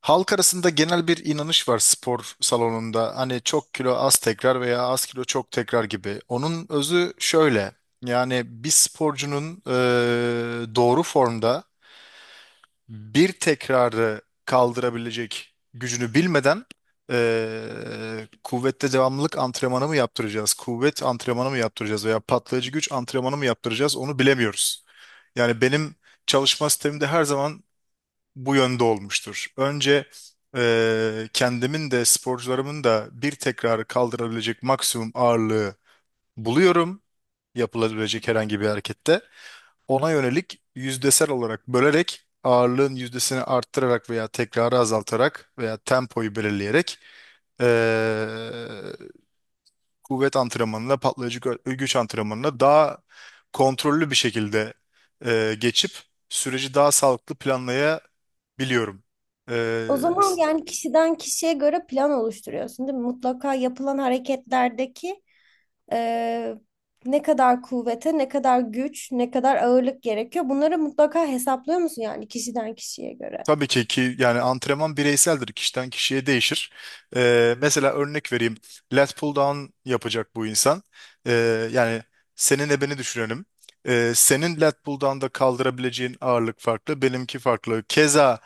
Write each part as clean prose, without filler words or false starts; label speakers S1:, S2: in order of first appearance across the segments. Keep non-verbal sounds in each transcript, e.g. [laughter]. S1: Halk arasında genel bir inanış var spor salonunda. Hani çok kilo az tekrar veya az kilo çok tekrar gibi. Onun özü şöyle. Yani bir sporcunun doğru formda bir tekrarı kaldırabilecek gücünü bilmeden, kuvvette devamlılık antrenmanı mı yaptıracağız, kuvvet antrenmanı mı yaptıracağız veya patlayıcı güç antrenmanı mı yaptıracağız onu bilemiyoruz. Yani benim çalışma sistemimde her zaman bu yönde olmuştur. Önce kendimin de sporcularımın da bir tekrarı kaldırabilecek maksimum ağırlığı buluyorum, yapılabilecek herhangi bir harekette. Ona yönelik yüzdesel olarak bölerek ağırlığın yüzdesini arttırarak veya tekrarı azaltarak veya tempoyu belirleyerek eee, kuvvet antrenmanına, patlayıcı güç antrenmanına daha kontrollü bir şekilde geçip süreci daha sağlıklı planlayabiliyoruz biliyorum.
S2: O
S1: Ee,
S2: zaman
S1: s-
S2: yani kişiden kişiye göre plan oluşturuyorsun, değil mi? Mutlaka yapılan hareketlerdeki e, ne kadar kuvvete, ne kadar güç, ne kadar ağırlık gerekiyor. Bunları mutlaka hesaplıyor musun yani kişiden kişiye göre?
S1: tabii ki yani antrenman bireyseldir. Kişiden kişiye değişir. Mesela örnek vereyim. Lat pull down yapacak bu insan. Yani seninle beni düşünelim. Senin lat pull down'da kaldırabileceğin ağırlık farklı, benimki farklı. Keza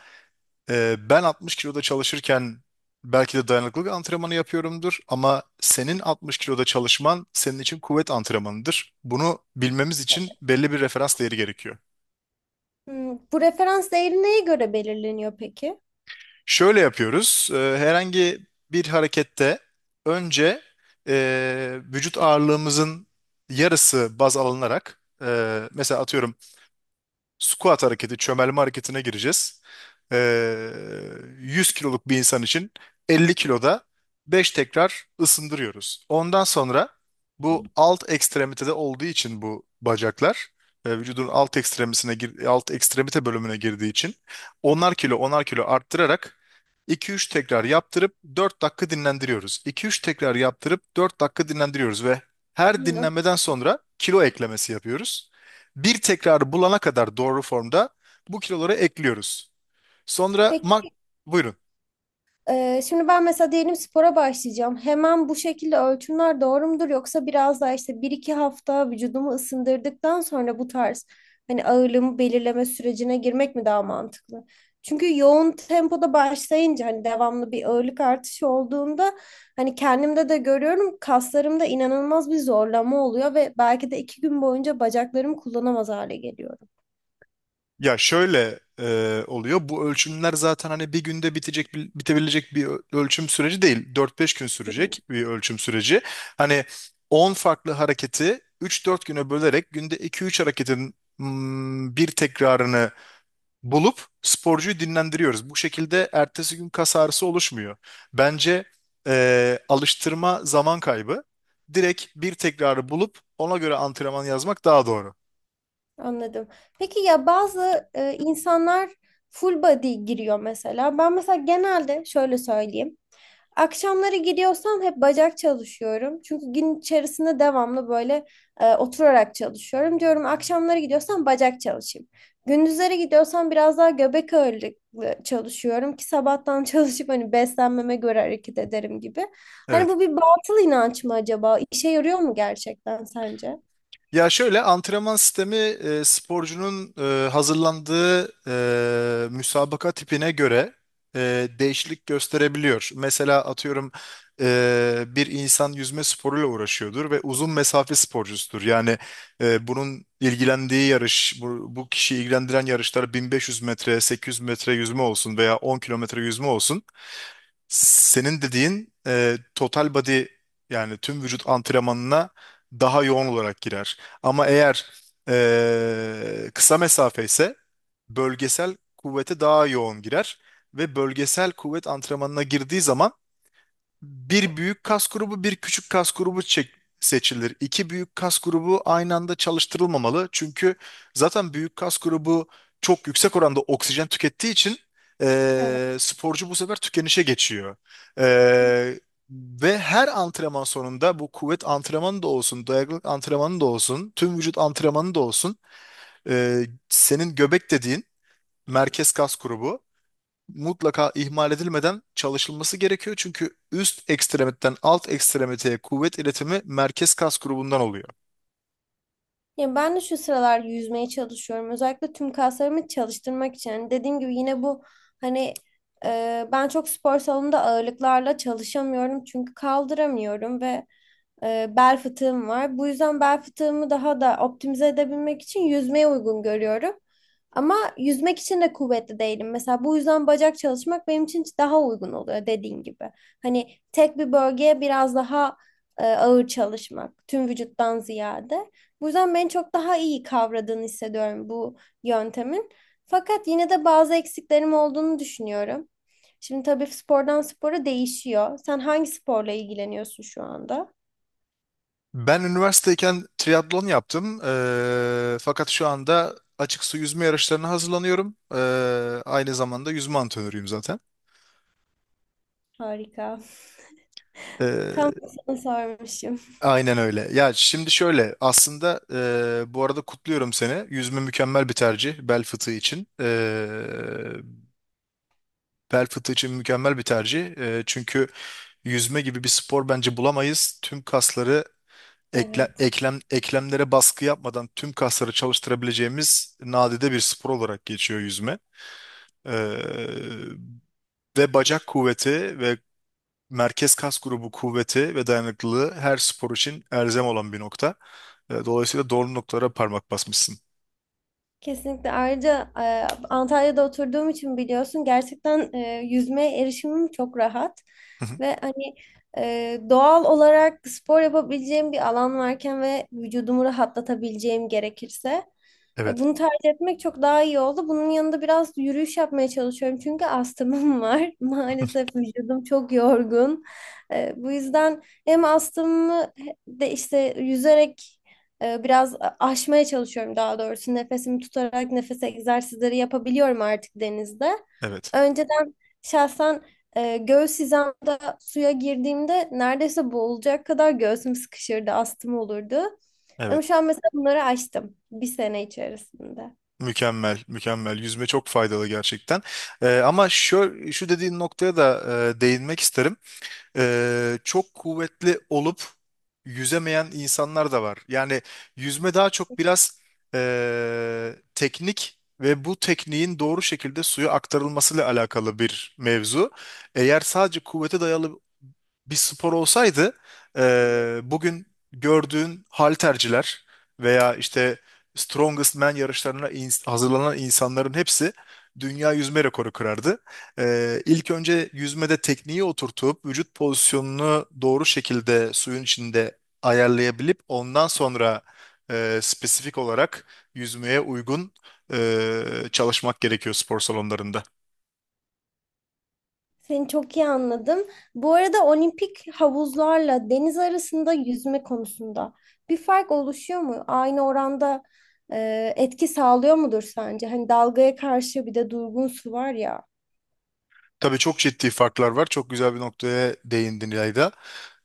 S1: ben 60 kiloda çalışırken belki de dayanıklılık antrenmanı yapıyorumdur ama senin 60 kiloda çalışman senin için kuvvet antrenmanıdır. Bunu bilmemiz için belli bir referans değeri gerekiyor.
S2: Hmm, bu referans değeri neye göre belirleniyor peki?
S1: Şöyle yapıyoruz. Herhangi bir harekette önce vücut ağırlığımızın yarısı baz alınarak, mesela atıyorum Squat hareketi, çömelme hareketine gireceğiz. Ee, 100 kiloluk bir insan için 50 kiloda 5 tekrar ısındırıyoruz. Ondan sonra, bu alt ekstremitede olduğu için, bu bacaklar vücudun alt ekstremisine alt ekstremite bölümüne girdiği için onar kilo onar kilo arttırarak 2-3 tekrar yaptırıp 4 dakika dinlendiriyoruz. 2-3 tekrar yaptırıp 4 dakika dinlendiriyoruz ve her
S2: Hmm,
S1: dinlenmeden sonra kilo eklemesi yapıyoruz, bir tekrarı bulana kadar doğru formda bu kiloları ekliyoruz. Sonra
S2: Peki.
S1: mak buyurun.
S2: Şimdi ben mesela diyelim spora başlayacağım. Hemen bu şekilde ölçümler doğru mudur yoksa biraz daha işte bir iki hafta vücudumu ısındırdıktan sonra bu tarz hani ağırlığımı belirleme sürecine girmek mi daha mantıklı? Çünkü yoğun tempoda başlayınca hani devamlı bir ağırlık artışı olduğunda hani kendimde de görüyorum kaslarımda inanılmaz bir zorlama oluyor ve belki de iki gün boyunca bacaklarımı kullanamaz hale geliyorum.
S1: Ya şöyle oluyor. Bu ölçümler zaten hani bir günde bitebilecek bir ölçüm süreci değil. Dört beş gün sürecek bir ölçüm süreci. Hani 10 farklı hareketi üç dört güne bölerek günde iki üç hareketin, bir tekrarını bulup sporcuyu dinlendiriyoruz. Bu şekilde ertesi gün kas ağrısı oluşmuyor. Bence alıştırma zaman kaybı. Direkt bir tekrarı bulup ona göre antrenman yazmak daha doğru.
S2: Anladım. Peki ya bazı insanlar full body giriyor mesela. Ben mesela genelde şöyle söyleyeyim. Akşamları giriyorsam hep bacak çalışıyorum. Çünkü gün içerisinde devamlı böyle oturarak çalışıyorum. Diyorum akşamları gidiyorsam bacak çalışayım. Gündüzleri gidiyorsam biraz daha göbek ağırlıklı çalışıyorum ki sabahtan [laughs] çalışıp hani beslenmeme göre hareket ederim gibi. Hani
S1: Evet.
S2: bu bir batıl inanç mı acaba? İşe yarıyor mu gerçekten sence?
S1: Ya şöyle, antrenman sistemi sporcunun hazırlandığı müsabaka tipine göre değişiklik gösterebiliyor. Mesela atıyorum, bir insan yüzme sporuyla uğraşıyordur ve uzun mesafe sporcusudur. Yani bunun ilgilendiği yarış, bu kişiyi ilgilendiren yarışlar 1500 metre, 800 metre yüzme olsun veya 10 kilometre yüzme olsun. Senin dediğin total body, yani tüm vücut antrenmanına daha yoğun olarak girer. Ama eğer kısa mesafe ise bölgesel kuvvete daha yoğun girer ve bölgesel kuvvet antrenmanına girdiği zaman bir büyük kas grubu, bir küçük kas grubu seçilir. İki büyük kas grubu aynı anda çalıştırılmamalı. Çünkü zaten büyük kas grubu çok yüksek oranda oksijen tükettiği için
S2: Evet.
S1: sporcu bu sefer tükenişe geçiyor. Eee, Ve her antrenman sonunda, bu kuvvet antrenmanı da olsun, dayanıklılık antrenmanı da olsun, tüm vücut antrenmanı da olsun, senin göbek dediğin merkez kas grubu mutlaka ihmal edilmeden çalışılması gerekiyor. Çünkü üst ekstremitten alt ekstremiteye kuvvet iletimi merkez kas grubundan oluyor.
S2: Ya ben de şu sıralar yüzmeye çalışıyorum. Özellikle tüm kaslarımı çalıştırmak için. Hani dediğim gibi yine bu hani ben çok spor salonunda ağırlıklarla çalışamıyorum çünkü kaldıramıyorum ve bel fıtığım var. Bu yüzden bel fıtığımı daha da optimize edebilmek için yüzmeye uygun görüyorum. Ama yüzmek için de kuvvetli değilim. Mesela bu yüzden bacak çalışmak benim için daha uygun oluyor dediğin gibi. Hani tek bir bölgeye biraz daha ağır çalışmak, tüm vücuttan ziyade. Bu yüzden beni çok daha iyi kavradığını hissediyorum bu yöntemin. Fakat yine de bazı eksiklerim olduğunu düşünüyorum. Şimdi tabii spordan spora değişiyor. Sen hangi sporla ilgileniyorsun şu anda?
S1: Ben üniversiteyken triatlon yaptım. Fakat şu anda açık su yüzme yarışlarına hazırlanıyorum. Aynı zamanda yüzme antrenörüyüm zaten.
S2: Harika. Tam da
S1: Eee,
S2: sana sormuşum.
S1: aynen öyle. Ya şimdi şöyle, aslında bu arada kutluyorum seni. Yüzme mükemmel bir tercih bel fıtığı için. Bel fıtığı için mükemmel bir tercih. Çünkü yüzme gibi bir spor bence bulamayız. Tüm kasları
S2: Evet.
S1: eklemlere baskı yapmadan tüm kasları çalıştırabileceğimiz nadide bir spor olarak geçiyor yüzme. Ee, Ve bacak kuvveti ve merkez kas grubu kuvveti ve dayanıklılığı her spor için elzem olan bir nokta. Dolayısıyla doğru noktalara parmak basmışsın.
S2: Kesinlikle. Ayrıca Antalya'da oturduğum için biliyorsun gerçekten yüzmeye erişimim çok rahat.
S1: [laughs] Hı hı.
S2: Ve hani doğal olarak spor yapabileceğim bir alan varken ve vücudumu rahatlatabileceğim gerekirse
S1: Evet.
S2: bunu tercih etmek çok daha iyi oldu. Bunun yanında biraz yürüyüş yapmaya çalışıyorum çünkü astımım var. [laughs]
S1: [laughs]
S2: Maalesef vücudum çok yorgun. Bu yüzden hem astımımı de işte yüzerek biraz aşmaya çalışıyorum daha doğrusu. Nefesimi tutarak nefes egzersizleri yapabiliyorum artık denizde.
S1: Evet.
S2: Önceden şahsen göğüs hizamda suya girdiğimde neredeyse boğulacak kadar göğsüm sıkışırdı, astım olurdu. Ama
S1: Evet.
S2: şu an mesela bunları aştım bir sene içerisinde.
S1: Mükemmel, mükemmel. Yüzme çok faydalı gerçekten. Ama şu, şu dediğin noktaya da değinmek isterim. Çok kuvvetli olup yüzemeyen insanlar da var. Yani yüzme daha çok biraz teknik ve bu tekniğin doğru şekilde suya aktarılmasıyla alakalı bir mevzu. Eğer sadece kuvvete dayalı bir spor olsaydı bugün gördüğün halterciler veya işte Strongest Man yarışlarına hazırlanan insanların hepsi dünya yüzme rekoru kırardı. İlk önce yüzmede tekniği oturtup vücut pozisyonunu doğru şekilde suyun içinde ayarlayabilip ondan sonra spesifik olarak yüzmeye uygun e, çalışmak gerekiyor spor salonlarında.
S2: Seni çok iyi anladım. Bu arada olimpik havuzlarla deniz arasında yüzme konusunda bir fark oluşuyor mu? Aynı oranda etki sağlıyor mudur sence? Hani dalgaya karşı bir de durgun su var ya.
S1: Tabii çok ciddi farklar var. Çok güzel bir noktaya değindin İlayda.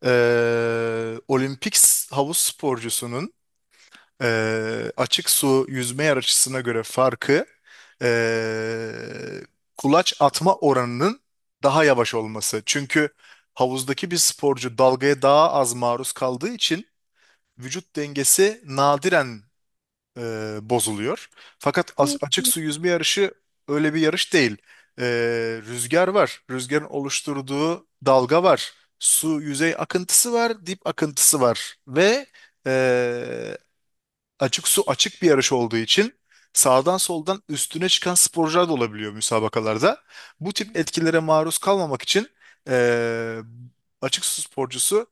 S1: Olimpik havuz sporcusunun açık su yüzme yarışısına göre farkı, ee, kulaç atma oranının daha yavaş olması. Çünkü havuzdaki bir sporcu dalgaya daha az maruz kaldığı için vücut dengesi nadiren e, bozuluyor. Fakat
S2: Hı.
S1: açık su yüzme yarışı öyle bir yarış değil. E, Rüzgar var. Rüzgarın oluşturduğu dalga var. Su yüzey akıntısı var, dip akıntısı var ve e, açık su açık bir yarış olduğu için sağdan soldan üstüne çıkan sporcular da olabiliyor müsabakalarda. Bu tip etkilere maruz kalmamak için eee, açık su sporcusu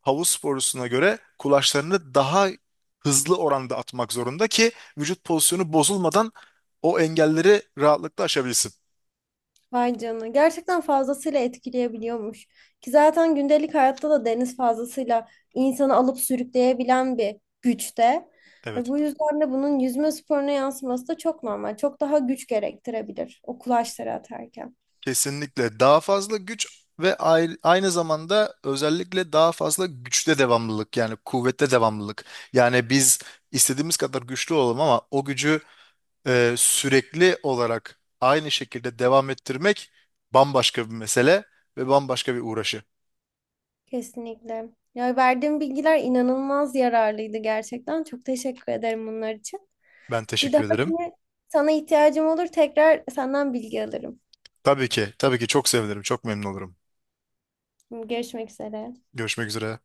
S1: havuz sporcusuna göre kulaçlarını daha hızlı oranda atmak zorunda ki vücut pozisyonu bozulmadan o engelleri rahatlıkla aşabilsin.
S2: Vay canına. Gerçekten fazlasıyla etkileyebiliyormuş. Ki zaten gündelik hayatta da deniz fazlasıyla insanı alıp sürükleyebilen bir güçte. Ve
S1: Evet.
S2: bu yüzden de bunun yüzme sporuna yansıması da çok normal. Çok daha güç gerektirebilir o kulaçları atarken.
S1: Kesinlikle daha fazla güç ve aynı zamanda özellikle daha fazla güçte devamlılık, yani kuvvette devamlılık. Yani biz istediğimiz kadar güçlü olalım ama o gücü sürekli olarak aynı şekilde devam ettirmek bambaşka bir mesele ve bambaşka bir uğraşı.
S2: Kesinlikle. Ya verdiğim bilgiler inanılmaz yararlıydı gerçekten. Çok teşekkür ederim bunlar için.
S1: Ben
S2: Bir
S1: teşekkür ederim.
S2: dahakine sana ihtiyacım olur tekrar senden bilgi alırım.
S1: Tabii ki, tabii ki çok sevinirim, çok memnun olurum.
S2: Görüşmek üzere.
S1: Görüşmek üzere.